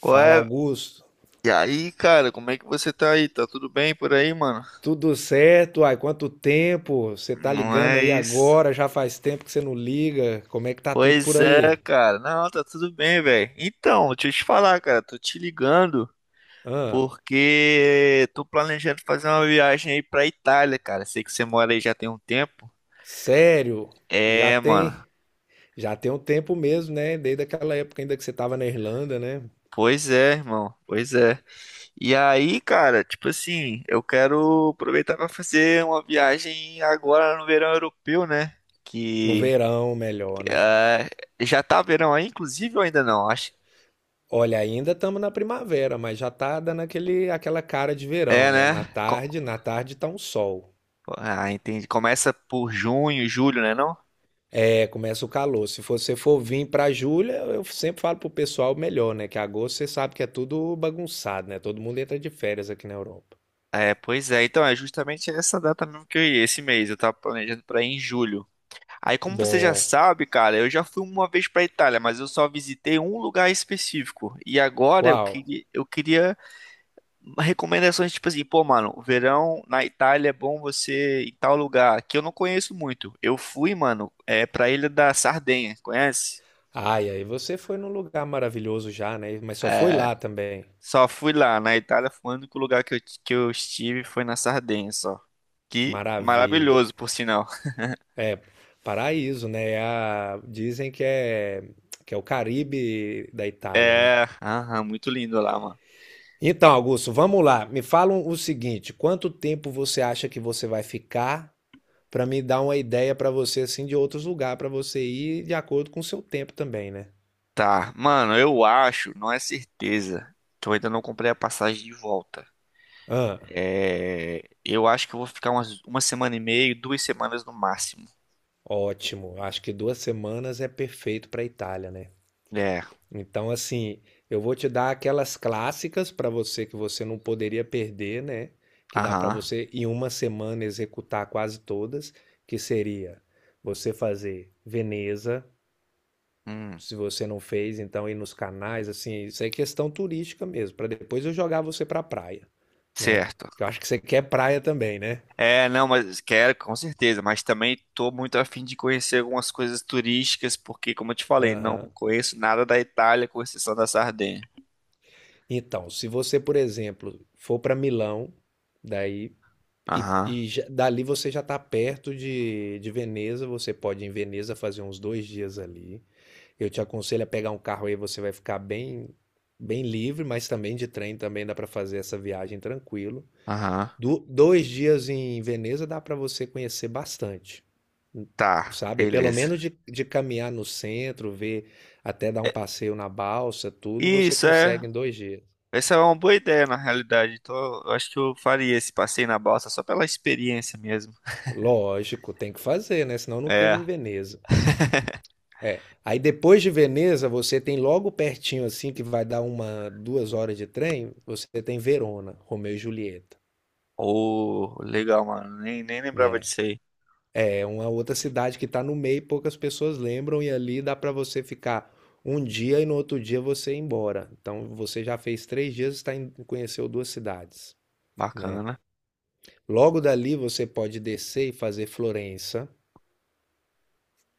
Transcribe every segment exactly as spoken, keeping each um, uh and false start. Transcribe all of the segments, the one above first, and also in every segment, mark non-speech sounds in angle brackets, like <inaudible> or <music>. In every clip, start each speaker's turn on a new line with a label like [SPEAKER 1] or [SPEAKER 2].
[SPEAKER 1] Qual é?
[SPEAKER 2] Augusto.
[SPEAKER 1] E aí, cara, como é que você tá aí? Tá tudo bem por aí, mano?
[SPEAKER 2] Tudo certo? Ai, quanto tempo? Você tá
[SPEAKER 1] Não
[SPEAKER 2] ligando
[SPEAKER 1] é
[SPEAKER 2] aí
[SPEAKER 1] isso?
[SPEAKER 2] agora? Já faz tempo que você não liga. Como é que tá tudo por
[SPEAKER 1] Pois
[SPEAKER 2] aí?
[SPEAKER 1] é, cara. Não, tá tudo bem, velho. Então, deixa eu te falar, cara. Tô te ligando
[SPEAKER 2] Hã?
[SPEAKER 1] porque tô planejando fazer uma viagem aí pra Itália, cara. Sei que você mora aí já tem um tempo.
[SPEAKER 2] Sério? Já
[SPEAKER 1] É, mano.
[SPEAKER 2] tem, já tem um tempo mesmo, né? Desde aquela época ainda que você tava na Irlanda, né?
[SPEAKER 1] Pois é, irmão. Pois é. E aí, cara, tipo assim, eu quero aproveitar pra fazer uma viagem agora no verão europeu, né?
[SPEAKER 2] No
[SPEAKER 1] Que
[SPEAKER 2] verão, melhor, né?
[SPEAKER 1] É, Já tá verão aí, inclusive, ou ainda não? Acho,
[SPEAKER 2] Olha, ainda estamos na primavera, mas já tá dando aquele, aquela cara de verão,
[SPEAKER 1] é,
[SPEAKER 2] né? Na
[SPEAKER 1] né? Co-
[SPEAKER 2] tarde, na tarde tá um sol.
[SPEAKER 1] Ah, entendi. Começa por junho, julho, né, não?
[SPEAKER 2] É, começa o calor. Se você for vir para julho, eu sempre falo pro pessoal melhor, né? Que agosto você sabe que é tudo bagunçado, né? Todo mundo entra de férias aqui na Europa.
[SPEAKER 1] É, pois é. Então, é justamente essa data mesmo que eu ia, esse mês. Eu tava planejando pra ir em julho. Aí, como você já
[SPEAKER 2] Bom,
[SPEAKER 1] sabe, cara, eu já fui uma vez pra Itália, mas eu só visitei um lugar específico. E agora eu
[SPEAKER 2] qual?
[SPEAKER 1] queria, eu queria recomendações, tipo assim, pô, mano, o verão na Itália é bom você ir em tal lugar, que eu não conheço muito. Eu fui, mano, é pra Ilha da Sardenha, conhece?
[SPEAKER 2] Ai, aí você foi num lugar maravilhoso já, né? Mas só foi
[SPEAKER 1] É,
[SPEAKER 2] lá também.
[SPEAKER 1] só fui lá. Na Itália foi o único lugar que eu, que eu estive foi na Sardenha, só. Que
[SPEAKER 2] Maravilha.
[SPEAKER 1] maravilhoso, por sinal.
[SPEAKER 2] É, paraíso, né? É a- dizem que é que é o Caribe da Itália, né?
[SPEAKER 1] É, aham, muito lindo lá, mano.
[SPEAKER 2] Então, Augusto, vamos lá. Me fala o seguinte, quanto tempo você acha que você vai ficar? Para me dar uma ideia para você assim de outros lugares para você ir de acordo com o seu tempo também, né?
[SPEAKER 1] Tá, mano, eu acho, não é certeza, que eu ainda não comprei a passagem de volta.
[SPEAKER 2] Ah,
[SPEAKER 1] É, eu acho que eu vou ficar umas, uma semana e meia, duas semanas no máximo.
[SPEAKER 2] ótimo. Acho que duas semanas é perfeito pra Itália, né?
[SPEAKER 1] É,
[SPEAKER 2] Então, assim, eu vou te dar aquelas clássicas para você que você não poderia perder, né? Que dá para
[SPEAKER 1] aham,
[SPEAKER 2] você em uma semana executar quase todas, que seria você fazer Veneza,
[SPEAKER 1] hum,
[SPEAKER 2] se você não fez, então ir nos canais, assim, isso é questão turística mesmo, para depois eu jogar você para praia, né?
[SPEAKER 1] certo.
[SPEAKER 2] Eu acho que você quer praia também, né?
[SPEAKER 1] É, não, mas quero, com certeza, mas também tô muito afim de conhecer algumas coisas turísticas, porque, como eu te falei, não
[SPEAKER 2] Aham.
[SPEAKER 1] conheço nada da Itália, com exceção da Sardenha.
[SPEAKER 2] Então, se você, por exemplo, for para Milão, daí e,
[SPEAKER 1] Aham,
[SPEAKER 2] e já- dali você já está perto de, de Veneza, você pode ir em Veneza fazer uns dois dias ali. Eu te aconselho a pegar um carro aí, você vai ficar bem bem livre, mas também de trem também dá para fazer essa viagem tranquilo.
[SPEAKER 1] aham.
[SPEAKER 2] Do- dois dias em Veneza dá para você conhecer bastante,
[SPEAKER 1] Tá,
[SPEAKER 2] sabe? Pelo
[SPEAKER 1] beleza.
[SPEAKER 2] menos de, de caminhar no centro, ver, até dar um
[SPEAKER 1] É,
[SPEAKER 2] passeio na balsa, tudo você
[SPEAKER 1] Isso é,
[SPEAKER 2] consegue em dois dias.
[SPEAKER 1] essa é uma boa ideia, na realidade. Então, eu acho que eu faria esse passeio na balsa só pela experiência mesmo.
[SPEAKER 2] Lógico, tem que fazer, né? Senão não teve
[SPEAKER 1] É.
[SPEAKER 2] em Veneza. É. Aí depois de Veneza, você tem logo pertinho, assim, que vai dar uma, duas horas de trem, você tem Verona, Romeu e Julieta,
[SPEAKER 1] Oh, legal, mano. Nem, nem lembrava
[SPEAKER 2] né?
[SPEAKER 1] disso aí.
[SPEAKER 2] É uma outra cidade que está no meio, poucas pessoas lembram, e ali dá para você ficar um dia e no outro dia você ir embora. Então você já fez três dias e está em- conheceu duas cidades, né?
[SPEAKER 1] Bacana.
[SPEAKER 2] Logo dali você pode descer e fazer Florença,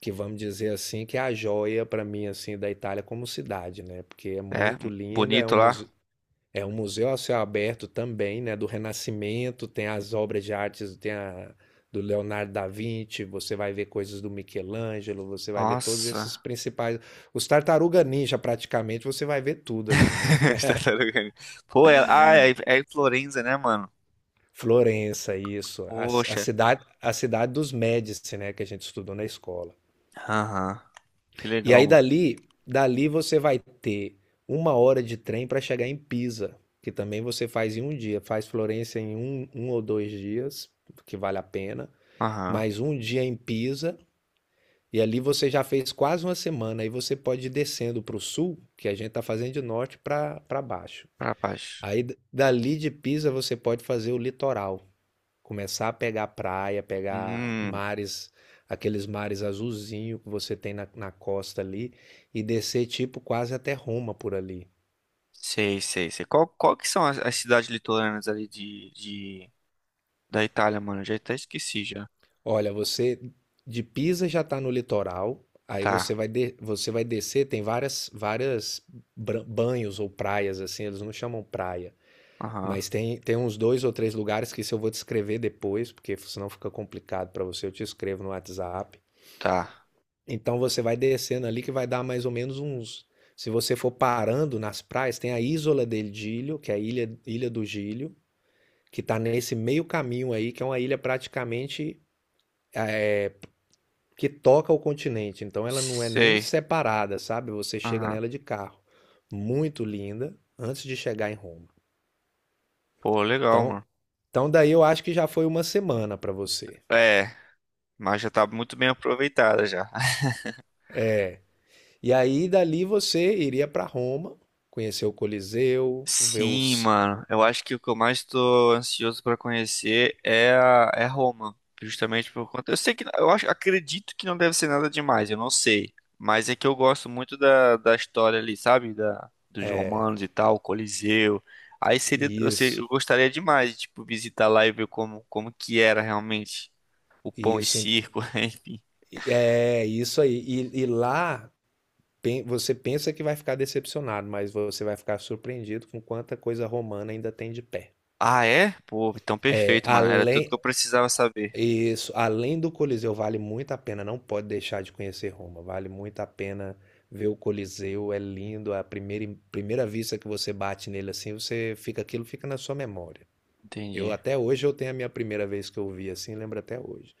[SPEAKER 2] que vamos dizer assim, que é a joia para mim assim da Itália como cidade, né? Porque é
[SPEAKER 1] É,
[SPEAKER 2] muito linda, é
[SPEAKER 1] bonito
[SPEAKER 2] um
[SPEAKER 1] lá.
[SPEAKER 2] museu, É um museu a céu aberto também, né, do Renascimento, tem as obras de artes, tem a do Leonardo da Vinci, você vai ver coisas do Michelangelo, você vai ver todos esses
[SPEAKER 1] Nossa.
[SPEAKER 2] principais, os Tartaruga Ninja praticamente, você vai ver tudo ali, né?
[SPEAKER 1] <laughs> As tartarugas ninja. Pô, é, ah, é, É em Florença, né, mano?
[SPEAKER 2] Florença, isso, a, a
[SPEAKER 1] Poxa.
[SPEAKER 2] cidade, a cidade dos Médici, né, que a gente estudou na escola.
[SPEAKER 1] Aham. Que
[SPEAKER 2] E
[SPEAKER 1] legal,
[SPEAKER 2] aí
[SPEAKER 1] mano.
[SPEAKER 2] dali, dali você vai ter uma hora de trem para chegar em Pisa, que também você faz em um dia, faz Florença em um, um ou dois dias, que vale a pena.
[SPEAKER 1] Aham.
[SPEAKER 2] Mais um dia em Pisa, e ali você já fez quase uma semana. Aí você pode ir descendo para o sul, que a gente está fazendo de norte para baixo.
[SPEAKER 1] Pra baixo.
[SPEAKER 2] Aí d- dali de Pisa você pode fazer o litoral, começar a pegar praia, pegar
[SPEAKER 1] Hum.
[SPEAKER 2] mares, aqueles mares azulzinho que você tem na, na costa ali, e descer tipo quase até Roma por ali.
[SPEAKER 1] Sei, sei, sei. Qual, qual que são as, as cidades litorâneas ali de, de, da Itália, mano? Eu já até esqueci já.
[SPEAKER 2] Olha, você de Pisa já está no litoral, aí você
[SPEAKER 1] Tá.
[SPEAKER 2] vai, de- você vai descer, tem várias, várias bran- banhos ou praias, assim, eles não chamam praia,
[SPEAKER 1] Aham.
[SPEAKER 2] mas tem, tem uns dois ou três lugares que isso eu vou te escrever depois, porque senão fica complicado para você, eu te escrevo no WhatsApp.
[SPEAKER 1] Tá.
[SPEAKER 2] Então você vai descendo ali que vai dar mais ou menos uns. Se você for parando nas praias, tem a Isola del Giglio, que é a Ilha, Ilha do Gílio, que está nesse meio caminho aí, que é uma ilha praticamente que toca ao continente, então ela não é nem
[SPEAKER 1] Sei.
[SPEAKER 2] separada, sabe? Você chega
[SPEAKER 1] Aham.
[SPEAKER 2] nela de carro. Muito linda, antes de chegar em Roma.
[SPEAKER 1] Pô, legal,
[SPEAKER 2] Então,
[SPEAKER 1] mano.
[SPEAKER 2] então daí eu acho que já foi uma semana para você.
[SPEAKER 1] É, mas já tá muito bem aproveitada já.
[SPEAKER 2] E aí dali você iria para Roma, conhecer o Coliseu. ver
[SPEAKER 1] Sim,
[SPEAKER 2] os
[SPEAKER 1] mano. Eu acho que o que eu mais tô ansioso pra conhecer é a, é Roma, justamente por conta. Eu sei que eu acho, acredito que não deve ser nada demais, eu não sei, mas é que eu gosto muito da, da história ali, sabe? Da dos romanos e tal, Coliseu. Aí seria, eu sei,
[SPEAKER 2] isso,
[SPEAKER 1] eu gostaria demais, tipo, visitar lá e ver como como que era realmente o pão e
[SPEAKER 2] isso
[SPEAKER 1] circo, <laughs> enfim.
[SPEAKER 2] é isso aí. E, e lá pen- você pensa que vai ficar decepcionado, mas você vai ficar surpreendido com quanta coisa romana ainda tem de pé.
[SPEAKER 1] Ah, é? Pô, então
[SPEAKER 2] É.
[SPEAKER 1] perfeito, mano. Era tudo
[SPEAKER 2] além
[SPEAKER 1] que eu precisava saber.
[SPEAKER 2] Isso, além do Coliseu, vale muito a pena, não pode deixar de conhecer Roma. Vale muito a pena ver o Coliseu, é lindo, é a primeira, primeira vista que você bate nele assim, você fica, aquilo fica na sua memória. Eu
[SPEAKER 1] Entendi.
[SPEAKER 2] até hoje eu tenho a minha primeira vez que eu vi assim, lembro até hoje.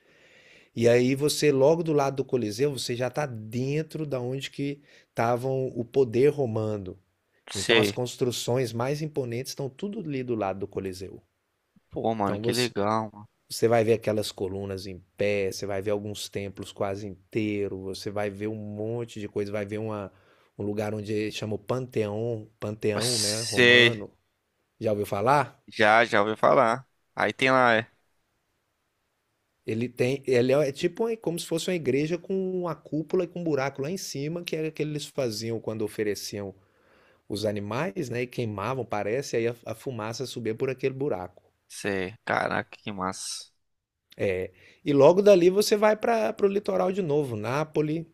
[SPEAKER 2] E aí você logo do lado do Coliseu, você já está dentro da onde que estavam o poder romano. Então as
[SPEAKER 1] Sei.
[SPEAKER 2] construções mais imponentes estão tudo ali do lado do Coliseu.
[SPEAKER 1] Pô, mano,
[SPEAKER 2] Então
[SPEAKER 1] que
[SPEAKER 2] você,
[SPEAKER 1] legal.
[SPEAKER 2] você vai ver aquelas colunas em pé, você vai ver alguns templos quase inteiros, você vai ver um monte de coisa, vai ver uma, um lugar onde chama o Panteão, Panteão, né,
[SPEAKER 1] Você
[SPEAKER 2] romano. Já ouviu falar?
[SPEAKER 1] já, já ouviu falar. Aí tem lá, é.
[SPEAKER 2] Ele tem, ele é tipo uma- como se fosse uma igreja com uma cúpula e com um buraco lá em cima, que era o que eles faziam quando ofereciam os animais, né, e queimavam, parece, e aí a, a fumaça subia por aquele buraco.
[SPEAKER 1] Sei. Caraca, que massa.
[SPEAKER 2] É, e logo dali você vai para o litoral de novo, Nápoles.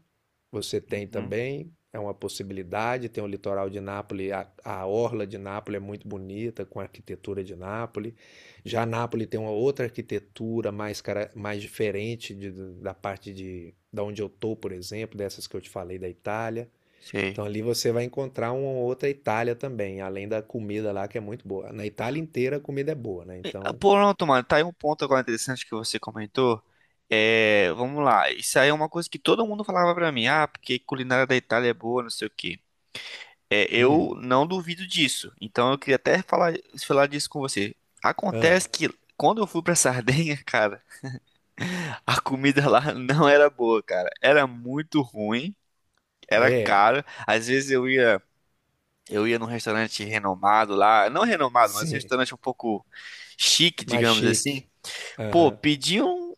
[SPEAKER 2] Você tem
[SPEAKER 1] Uhum.
[SPEAKER 2] também, é uma possibilidade, tem o litoral de Nápoles, a, a orla de Nápoles é muito bonita, com a arquitetura de Nápoles. Já Nápoles tem uma outra arquitetura mais, cara- mais diferente de- da parte de, da onde eu tô, por exemplo, dessas que eu te falei da Itália.
[SPEAKER 1] Sei.
[SPEAKER 2] Então ali você vai encontrar uma outra Itália também, além da comida lá que é muito boa. Na Itália inteira a comida é boa, né?
[SPEAKER 1] E, ah,
[SPEAKER 2] Então,
[SPEAKER 1] Pronto, mano. Tá aí um ponto agora interessante que você comentou. É, vamos lá. Isso aí é uma coisa que todo mundo falava pra mim. Ah, porque culinária da Itália é boa, não sei o quê. É,
[SPEAKER 2] hum,
[SPEAKER 1] eu não duvido disso. Então eu queria até falar, falar disso com você.
[SPEAKER 2] ah,
[SPEAKER 1] Acontece que quando eu fui pra Sardenha, <laughs> cara, a comida lá não era boa, cara. Era muito ruim, era
[SPEAKER 2] é,
[SPEAKER 1] caro. Às vezes eu ia. Eu ia num restaurante renomado lá, não renomado, mas um
[SPEAKER 2] sim,
[SPEAKER 1] restaurante um pouco chique,
[SPEAKER 2] mais
[SPEAKER 1] digamos assim.
[SPEAKER 2] chique.
[SPEAKER 1] Pô,
[SPEAKER 2] Aham,
[SPEAKER 1] pedi um-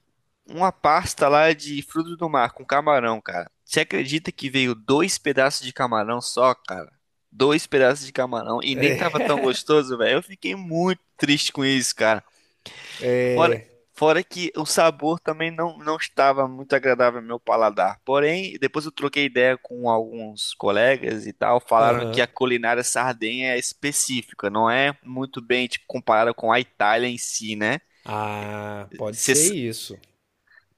[SPEAKER 1] uma pasta lá de frutos do mar com camarão, cara. Você acredita que veio dois pedaços de camarão só, cara? Dois pedaços de camarão e nem tava tão gostoso, velho. Eu fiquei muito triste com isso, cara. Fora, fora que o sabor também não, não estava muito agradável ao meu paladar. Porém, depois eu troquei ideia com alguns colegas e tal, falaram que
[SPEAKER 2] aham.
[SPEAKER 1] a culinária sardenha é específica, não é muito bem tipo, comparada com a Itália em si, né?
[SPEAKER 2] Ah, pode ser
[SPEAKER 1] Cês-
[SPEAKER 2] isso.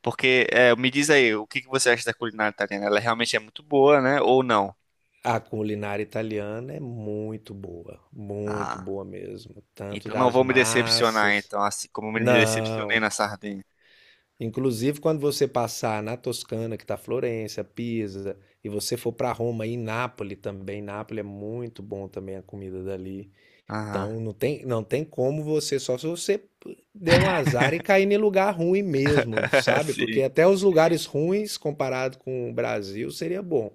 [SPEAKER 1] Porque é, me diz aí, o que que você acha da culinária italiana? Ela realmente é muito boa, né? Ou não?
[SPEAKER 2] A culinária italiana é muito boa, muito
[SPEAKER 1] Ah,
[SPEAKER 2] boa mesmo, tanto
[SPEAKER 1] então não
[SPEAKER 2] das
[SPEAKER 1] vou me decepcionar,
[SPEAKER 2] massas.
[SPEAKER 1] então, assim como me me decepcionei
[SPEAKER 2] Não.
[SPEAKER 1] na sardinha.
[SPEAKER 2] Inclusive, quando você passar na Toscana, que está Florença, Pisa, e você for para Roma e Nápoles também, Nápoles é muito bom também a comida dali.
[SPEAKER 1] Aham.
[SPEAKER 2] Então, não tem, não tem como você, só se você der um azar e cair em lugar ruim mesmo,
[SPEAKER 1] <laughs>
[SPEAKER 2] sabe?
[SPEAKER 1] Sim,
[SPEAKER 2] Porque até os lugares ruins, comparado com o Brasil, seria bom.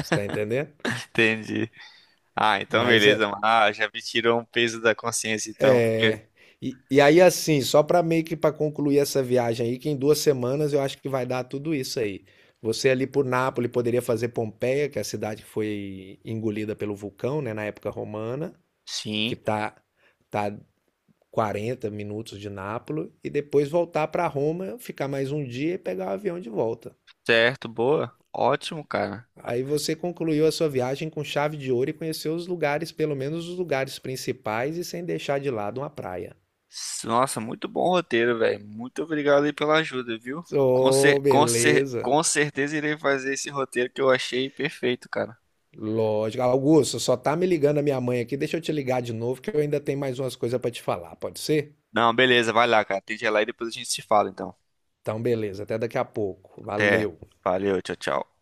[SPEAKER 2] Você está entendendo?
[SPEAKER 1] entendi. Ah, então
[SPEAKER 2] Mas
[SPEAKER 1] beleza,
[SPEAKER 2] é,
[SPEAKER 1] mano. Ah, já me tirou um peso da consciência, então, porque.
[SPEAKER 2] é... E, e aí assim, só para meio que para concluir essa viagem aí, que em duas semanas eu acho que vai dar tudo isso aí. Você ali por Nápoles poderia fazer Pompeia, que é a cidade que foi engolida pelo vulcão, né, na época romana, que
[SPEAKER 1] Sim,
[SPEAKER 2] tá tá quarenta minutos de Nápoles e depois voltar para Roma, ficar mais um dia e pegar o avião de volta.
[SPEAKER 1] certo, boa. Ótimo, cara.
[SPEAKER 2] Aí você concluiu a sua viagem com chave de ouro e conheceu os lugares, pelo menos os lugares principais, e sem deixar de lado uma praia.
[SPEAKER 1] S- Nossa, muito bom roteiro, velho. Muito obrigado aí pela ajuda, viu? Com É,
[SPEAKER 2] Ô,
[SPEAKER 1] cer com cer
[SPEAKER 2] beleza.
[SPEAKER 1] com certeza irei fazer esse roteiro que eu achei perfeito, cara.
[SPEAKER 2] Lógico. Augusto, só tá me ligando a minha mãe aqui. Deixa eu te ligar de novo, que eu ainda tenho mais umas coisas pra te falar. Pode ser?
[SPEAKER 1] Não, beleza, vai lá, cara. Tem que ir lá e depois a gente se fala, então.
[SPEAKER 2] Então, beleza. Até daqui a pouco.
[SPEAKER 1] Até.
[SPEAKER 2] Valeu.
[SPEAKER 1] Valeu, tchau, tchau.